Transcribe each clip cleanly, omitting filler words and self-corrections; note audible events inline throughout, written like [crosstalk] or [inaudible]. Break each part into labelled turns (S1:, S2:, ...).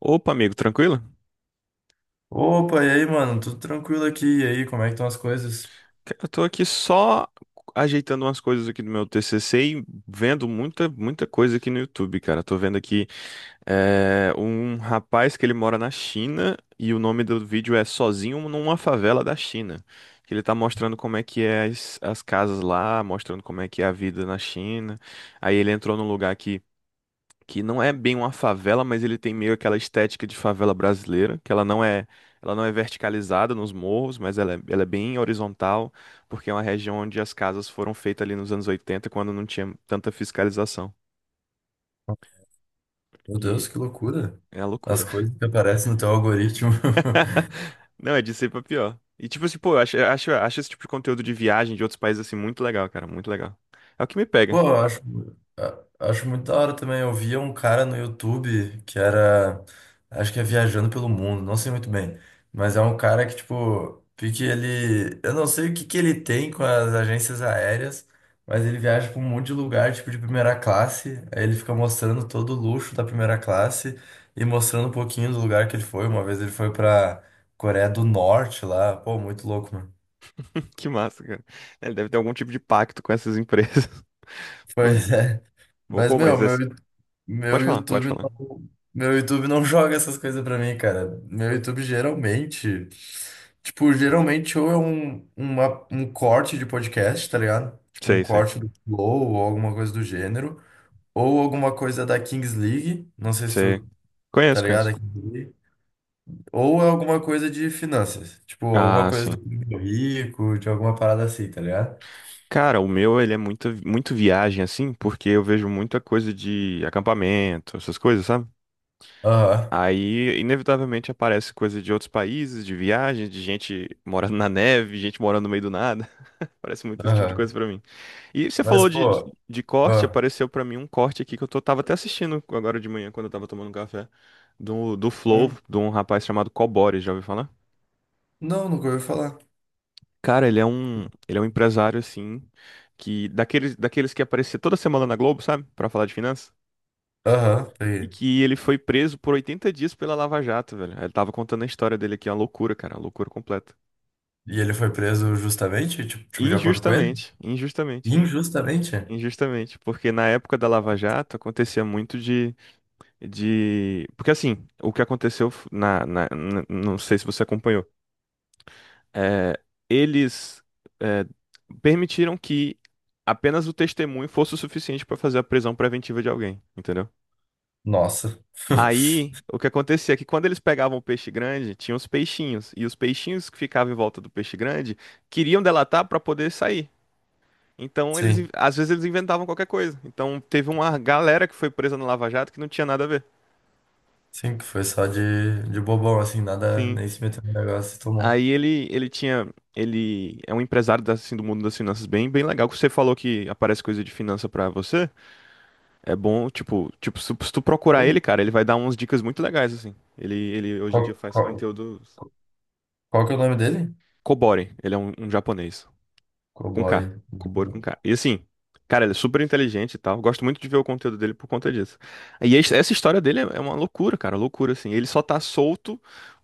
S1: Opa, amigo, tranquilo?
S2: Opa, e aí, mano? Tudo tranquilo aqui? E aí, como é que estão as coisas?
S1: Cara, eu tô aqui só ajeitando umas coisas aqui do meu TCC e vendo muita coisa aqui no YouTube, cara. Tô vendo aqui um rapaz que ele mora na China e o nome do vídeo é Sozinho Numa Favela da China. Que ele tá mostrando como é que é as casas lá, mostrando como é que é a vida na China. Aí ele entrou num lugar que não é bem uma favela, mas ele tem meio aquela estética de favela brasileira, que ela não é verticalizada nos morros, mas ela é bem horizontal, porque é uma região onde as casas foram feitas ali nos anos 80, quando não tinha tanta fiscalização.
S2: Meu
S1: E
S2: Deus, que loucura.
S1: é a
S2: As
S1: loucura.
S2: coisas que aparecem no teu algoritmo. [laughs]
S1: [laughs] Não, é de ser pra pior. E tipo assim, pô, eu acho esse tipo de conteúdo de viagem de outros países assim muito legal, cara, muito legal. É o que me
S2: Pô,
S1: pega.
S2: acho muito da hora também. Eu via um cara no YouTube que era, acho que é Viajando pelo Mundo, não sei muito bem, mas é um cara que, tipo, pique ele, eu não sei o que que ele tem com as agências aéreas, mas ele viaja pra um monte de lugar, tipo, de primeira classe, aí ele fica mostrando todo o luxo da primeira classe e mostrando um pouquinho do lugar que ele foi. Uma vez ele foi pra Coreia do Norte lá, pô, muito louco.
S1: [laughs] Que massa, cara. É, ele deve ter algum tipo de pacto com essas empresas. [laughs]
S2: Pois
S1: Porque,
S2: é. Mas,
S1: pô,
S2: meu,
S1: mas
S2: meu,
S1: assim, pode
S2: meu
S1: falar, pode
S2: YouTube
S1: falar.
S2: não, Meu YouTube não joga essas coisas pra mim, cara. Meu YouTube geralmente, tipo, geralmente ou é um corte de podcast, tá ligado? Tipo, um
S1: Sei, sei.
S2: corte do Flow ou alguma coisa do gênero. Ou alguma coisa da Kings League. Não sei se
S1: Sei.
S2: tu tá
S1: Conheço,
S2: ligado a
S1: conheço.
S2: Kings League. Ou é alguma coisa de finanças. Tipo, alguma
S1: Ah,
S2: coisa do
S1: sim.
S2: Primo Rico, de alguma parada assim, tá ligado?
S1: Cara, o meu, ele é muito viagem, assim, porque eu vejo muita coisa de acampamento, essas coisas, sabe?
S2: Aham,
S1: Aí, inevitavelmente, aparece coisa de outros países, de viagem, de gente morando na neve, gente morando no meio do nada. [laughs] Parece muito esse tipo de coisa
S2: aham.
S1: pra mim. E você
S2: Mas,
S1: falou
S2: pô,
S1: de corte,
S2: ó.
S1: apareceu pra mim um corte aqui que tava até assistindo agora de manhã, quando eu tava tomando um café, do Flow, de um rapaz chamado Cobori, já ouviu falar?
S2: Não, nunca ouvi falar.
S1: Cara, ele é um empresário, assim, daqueles que aparecia toda semana na Globo, sabe? Pra falar de finanças.
S2: Aham,
S1: E
S2: peguei.
S1: que ele foi preso por 80 dias pela Lava Jato, velho. Ele tava contando a história dele aqui, é uma loucura, cara, uma loucura completa.
S2: E ele foi preso justamente? Tipo, tipo, de acordo com ele?
S1: Injustamente, injustamente,
S2: Injustamente?
S1: injustamente. Porque na época da Lava Jato acontecia muito de... Porque assim, o que aconteceu não sei se você acompanhou, eh, eles eh, permitiram que apenas o testemunho fosse o suficiente para fazer a prisão preventiva de alguém, entendeu?
S2: Nossa. [laughs]
S1: Aí, o que acontecia é que quando eles pegavam o peixe grande, tinha os peixinhos, e os peixinhos que ficavam em volta do peixe grande queriam delatar para poder sair. Então, eles,
S2: Sim,
S1: às vezes eles inventavam qualquer coisa. Então, teve uma galera que foi presa no Lava Jato que não tinha nada a ver.
S2: sim, que foi só de bobão, assim, nada,
S1: Sim.
S2: nem se meteu no negócio e tomou.
S1: Ele tinha, ele é um empresário assim, do mundo das finanças bem legal. Que você falou que aparece coisa de finança pra você. É bom, tipo, se tu procurar
S2: Qual,
S1: ele, cara, ele vai dar umas dicas muito legais, assim. Ele hoje em dia faz
S2: qual,
S1: conteúdo.
S2: qual que é o nome dele?
S1: Kobori, ele é um japonês. Com K.
S2: Cobore.
S1: Kobori com K. E assim, cara, ele é super inteligente e tal. Gosto muito de ver o conteúdo dele por conta disso. Essa história dele é uma loucura, cara, loucura, assim. Ele só tá solto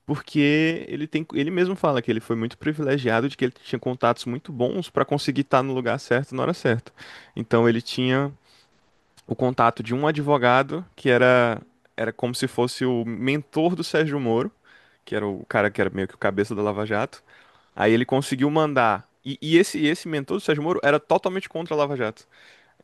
S1: porque ele tem. Ele mesmo fala que ele foi muito privilegiado de que ele tinha contatos muito bons pra conseguir estar no lugar certo na hora certa. Então ele tinha o contato de um advogado era como se fosse o mentor do Sérgio Moro, que era o cara que era meio que o cabeça da Lava Jato. Aí ele conseguiu mandar. E esse mentor do Sérgio Moro era totalmente contra a Lava Jato.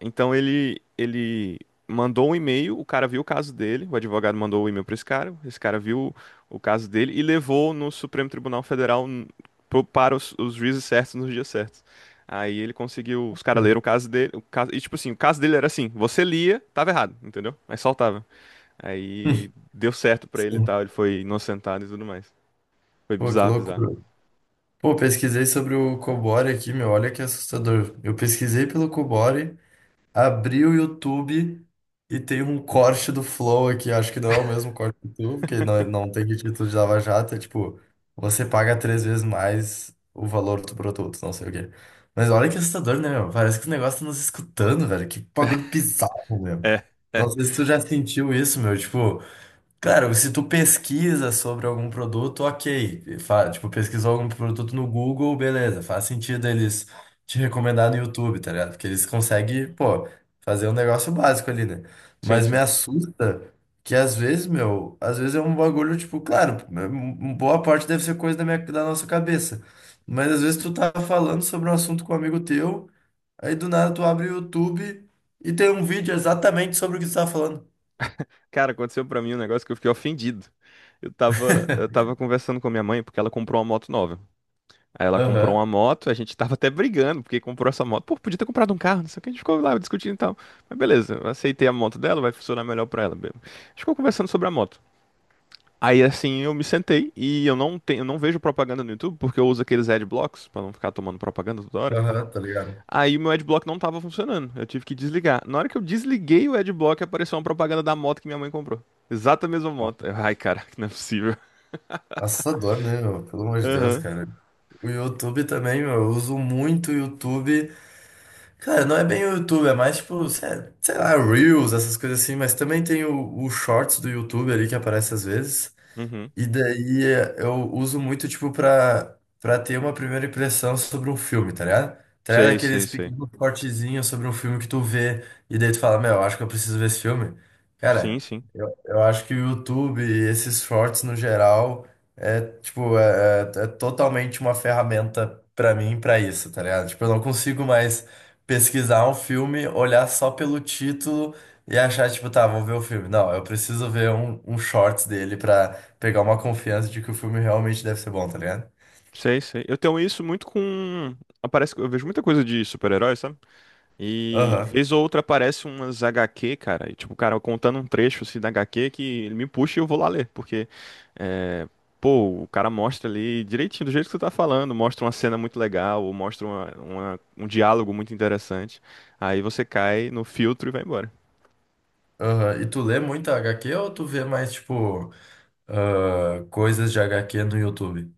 S1: Então ele mandou um e-mail, o cara viu o caso dele, o advogado mandou o e-mail para esse cara viu o caso dele e levou no Supremo Tribunal Federal para os juízes certos nos dias certos. Aí ele conseguiu, os caras leram o caso dele, o caso, e tipo assim, o caso dele era assim, você lia, tava errado, entendeu? Mas soltava. Aí
S2: [laughs]
S1: deu certo pra ele e
S2: Sim.
S1: tal, ele foi inocentado e tudo mais. Foi
S2: Pô, que
S1: bizarro, bizarro.
S2: loucura. Pô, pesquisei sobre o Cobore aqui, meu, olha que assustador. Eu pesquisei pelo Cobore. Abri o YouTube e tem um corte do Flow aqui. Acho que não é o mesmo corte do YouTube, porque não, não tem título de Lava Jato. É tipo, você paga três vezes mais o valor do produto, não sei o quê. Mas olha que assustador, né, meu? Parece que o negócio tá nos escutando, velho. Que bagulho bizarro, meu.
S1: É,
S2: Não
S1: é.
S2: sei se tu já sentiu isso, meu. Tipo. Claro, se tu pesquisa sobre algum produto, ok. Fa- tipo, pesquisou algum produto no Google, beleza. Faz sentido eles te recomendar no YouTube, tá ligado? Porque eles conseguem, pô, fazer um negócio básico ali, né?
S1: Sim,
S2: Mas me
S1: sim.
S2: assusta que às vezes, meu, às vezes é um bagulho, tipo, claro, m- boa parte deve ser coisa da nossa cabeça. Mas às vezes tu tá falando sobre um assunto com um amigo teu, aí do nada tu abre o YouTube e tem um vídeo exatamente sobre o que tu tá falando.
S1: Cara, aconteceu pra mim um negócio que eu fiquei ofendido. Eu tava conversando com a minha mãe porque ela comprou uma moto nova. Aí ela comprou
S2: Aham,
S1: uma moto, a gente tava até brigando porque comprou essa moto. Pô, podia ter comprado um carro, não sei o que, a gente ficou lá discutindo e tal. Mas beleza, eu aceitei a moto dela, vai funcionar melhor pra ela. A gente ficou conversando sobre a moto. Aí assim eu me sentei e eu não vejo propaganda no YouTube porque eu uso aqueles adblocks pra não ficar tomando propaganda toda hora.
S2: aham, tá ligado?
S1: Aí o meu adblock não tava funcionando. Eu tive que desligar. Na hora que eu desliguei o adblock, apareceu uma propaganda da moto que minha mãe comprou. Exata mesma moto. Eu, ai, caraca, não é possível.
S2: Assustador, né, meu? Pelo amor de Deus,
S1: Aham.
S2: cara. O YouTube também, meu, eu uso muito o YouTube. Cara, não é bem o YouTube, é mais tipo, sé- sei lá, Reels, essas coisas assim, mas também tem o Shorts do YouTube ali que aparece às vezes.
S1: Uhum.
S2: E daí eu uso muito, tipo, pra ter uma primeira impressão sobre um filme, tá ligado? Tá ligado?
S1: Sei,
S2: Aqueles
S1: sei, sei.
S2: pequenos cortezinhos sobre um filme que tu vê e daí tu fala, meu, eu acho que eu preciso ver esse filme.
S1: Sim,
S2: Cara,
S1: sim.
S2: eu acho que o YouTube e esses shorts no geral é, tipo, é totalmente uma ferramenta pra mim pra isso, tá ligado? Tipo, eu não consigo mais pesquisar um filme, olhar só pelo título e achar, tipo, tá, vou ver o filme. Não, eu preciso ver um shorts dele pra pegar uma confiança de que o filme realmente deve ser bom, tá ligado?
S1: Sei, sei. Eu tenho isso muito com. Aparece, eu vejo muita coisa de super-herói, sabe? E
S2: Aham,
S1: vez ou outra aparece umas HQ, cara, e tipo, o cara contando um trecho assim da HQ que ele me puxa e eu vou lá ler, porque é, pô, o cara mostra ali direitinho do jeito que você tá falando, mostra uma cena muito legal, ou mostra um diálogo muito interessante. Aí você cai no filtro e vai embora.
S2: aham. E tu lê muito HQ ou tu vê mais, tipo, ah, coisas de HQ no YouTube?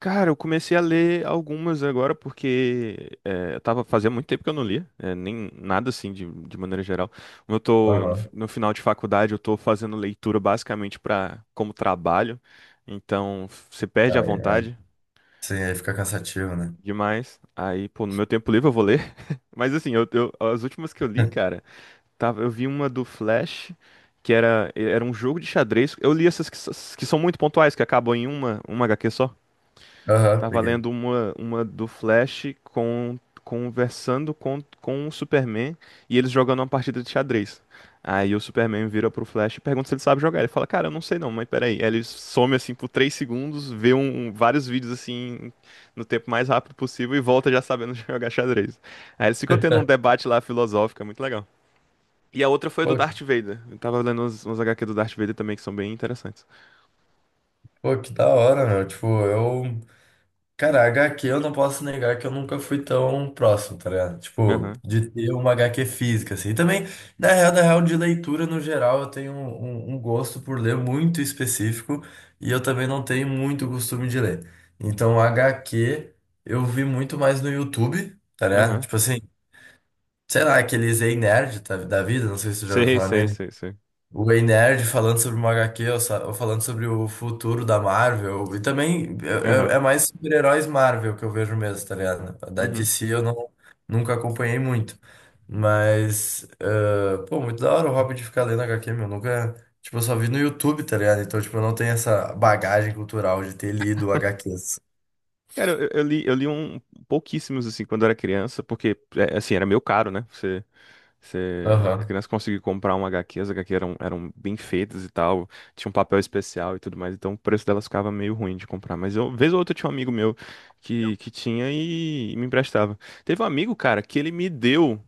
S1: Cara, eu comecei a ler algumas agora porque eu tava fazia muito tempo que eu não lia, nem nada assim de maneira geral. Como eu tô no,
S2: Aham.
S1: no final de faculdade, eu tô fazendo leitura basicamente para como trabalho, então você perde a
S2: Aí, é.
S1: vontade
S2: Sim, aí fica cansativo, né?
S1: demais. Aí, pô, no meu tempo livre eu vou ler, [laughs] mas assim, as últimas que eu li,
S2: [laughs]
S1: cara, tava, eu vi uma do Flash que era um jogo de xadrez. Eu li essas que são muito pontuais, que acabam em uma HQ só.
S2: Aham,
S1: Tava
S2: peguei.
S1: lendo uma do Flash com, conversando com o Superman e eles jogando uma partida de xadrez. Aí o Superman vira pro Flash e pergunta se ele sabe jogar. Ele fala, cara, eu não sei não, mas peraí. Aí ele some assim por 3 segundos, vê vários vídeos assim no tempo mais rápido possível e volta já sabendo [laughs] jogar xadrez. Aí eles ficam tendo um
S2: [laughs]
S1: debate lá filosófico, é muito legal. E a outra foi a do
S2: Pô,
S1: Darth Vader. Eu tava lendo uns HQ do Darth Vader também que são bem interessantes.
S2: pô, que da hora, meu. Tipo, eu. Cara, HQ eu não posso negar que eu nunca fui tão próximo, tá ligado? Tipo,
S1: Aham,
S2: de ter uma HQ física, assim. E também, na real, de leitura no geral, eu tenho um, um gosto por ler muito específico e eu também não tenho muito costume de ler. Então, HQ eu vi muito mais no YouTube, tá ligado?
S1: aham.
S2: Tipo assim, sei lá, aqueles Ei Nerd tá- da vida, não sei se você já ouviu
S1: Sei,
S2: falar
S1: sei, sei, sei.
S2: o Ei Nerd falando sobre uma HQ, ou, sa- ou falando sobre o futuro da Marvel. E também
S1: Aham,
S2: é, é mais super-heróis Marvel que eu vejo mesmo, tá ligado? Da D
S1: uhum.
S2: C eu não, nunca acompanhei muito. Mas, eh, pô, muito da hora o hobby de ficar lendo HQ, meu. Nunca. Tipo, eu só vi no YouTube, tá ligado? Então, tipo, eu não tenho essa bagagem cultural de ter lido HQs.
S1: Cara, eu li um pouquíssimos assim quando eu era criança, porque é, assim, era meio caro, né? Você, você
S2: Aham.
S1: criança conseguir comprar uma HQ, as HQ eram bem feitas e tal, tinha um papel especial e tudo mais, então o preço delas ficava meio ruim de comprar. Mas eu, vez ou outra, tinha um amigo meu que tinha e me emprestava. Teve um amigo, cara, que ele me deu.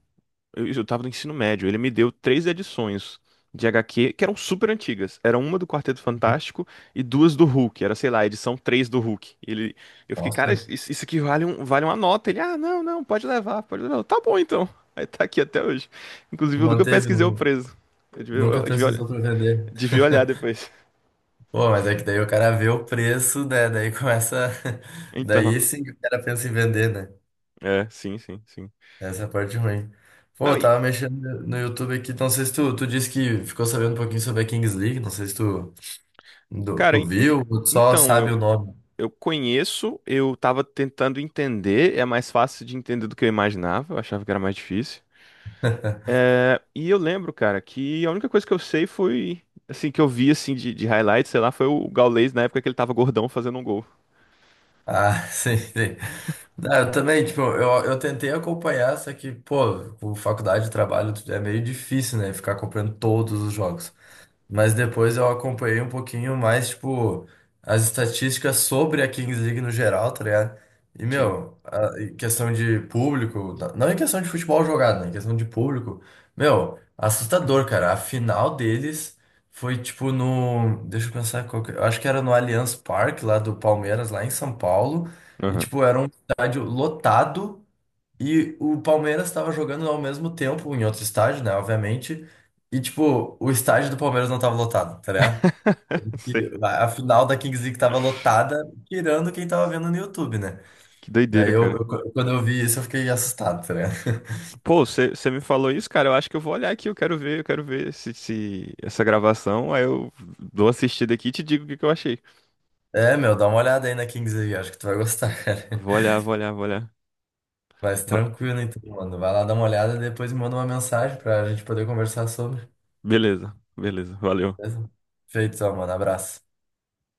S1: Eu tava no ensino médio. Ele me deu 3 edições de HQ que eram super antigas. Era uma do Quarteto Fantástico e duas do Hulk. Era, sei lá, a edição 3 do Hulk. Ele, eu fiquei, cara,
S2: Nossa,
S1: isso aqui vale, um, vale uma nota. Ele, ah, não, não, pode levar, pode levar. Eu, tá bom então. [laughs] Aí tá aqui até hoje. Inclusive,
S2: tu
S1: o Luca
S2: manteve,
S1: pesquisei o
S2: nu-
S1: preço.
S2: nunca
S1: Eu
S2: pesquisou pra vender.
S1: devia olhar
S2: [laughs]
S1: depois. [laughs]
S2: Pô, mas é que daí o cara vê o preço, né? Daí começa. [laughs]
S1: Então,
S2: Daí sim que o cara pensa em vender, né?
S1: é, sim, sim, sim.
S2: Essa é a parte ruim. Pô,
S1: Não,
S2: eu
S1: e,
S2: tava mexendo no YouTube aqui, não sei se tu, tu disse que ficou sabendo um pouquinho sobre a Kings League, não sei se tu, do-
S1: cara,
S2: tu
S1: en- en-
S2: viu ou tu só
S1: então,
S2: sabe o nome.
S1: eu conheço, eu tava tentando entender, é mais fácil de entender do que eu imaginava, eu achava que era mais difícil. É, e eu lembro, cara, que a única coisa que eu sei foi, assim, que eu vi, assim, de highlight, sei lá, foi o Gaules na época que ele tava gordão fazendo um gol.
S2: Ah, [laughs] sim, sim. Ah, eu também, tipo, eu tentei acompanhar, só que, pô, com faculdade de trabalho é meio difícil, né? Ficar acompanhando todos os jogos. Mas depois eu acompanhei um pouquinho mais, tipo, as estatísticas sobre a Kings League no geral, tá ligado? E,
S1: Sim.
S2: meu, a- em questão de público, na- não em questão de futebol jogado, né? Em questão de público, meu, assustador, cara. A final deles foi, tipo, no. Deixa eu pensar qual que... eu Acho que era no Allianz Parque, lá do Palmeiras, lá em São Paulo. E,
S1: Aham.
S2: tipo, era um estádio lotado. E o Palmeiras estava jogando ao mesmo tempo em outro estádio, né? Obviamente. E, tipo, o estádio do Palmeiras não tava lotado, tá ligado?
S1: [laughs] Sei.
S2: E a final da Kings League tava lotada, tirando quem tava vendo no YouTube, né?
S1: Que
S2: Daí
S1: doideira, cara.
S2: quando eu vi isso, eu fiquei assustado, tá ligado?
S1: Pô, você me falou isso, cara, eu acho que eu vou olhar aqui, eu quero ver se, se essa gravação, aí eu dou uma assistida aqui e te digo o que que eu achei.
S2: É, meu, dá uma olhada aí na Kings League, acho que tu vai gostar, [laughs] cara.
S1: Vou olhar.
S2: Mas
S1: Va-
S2: tranquilo, então, mano. Vai lá dar uma olhada e depois me manda uma mensagem pra gente poder conversar sobre.
S1: Beleza, beleza, valeu.
S2: Beleza? Feito, então, mano. Abraço.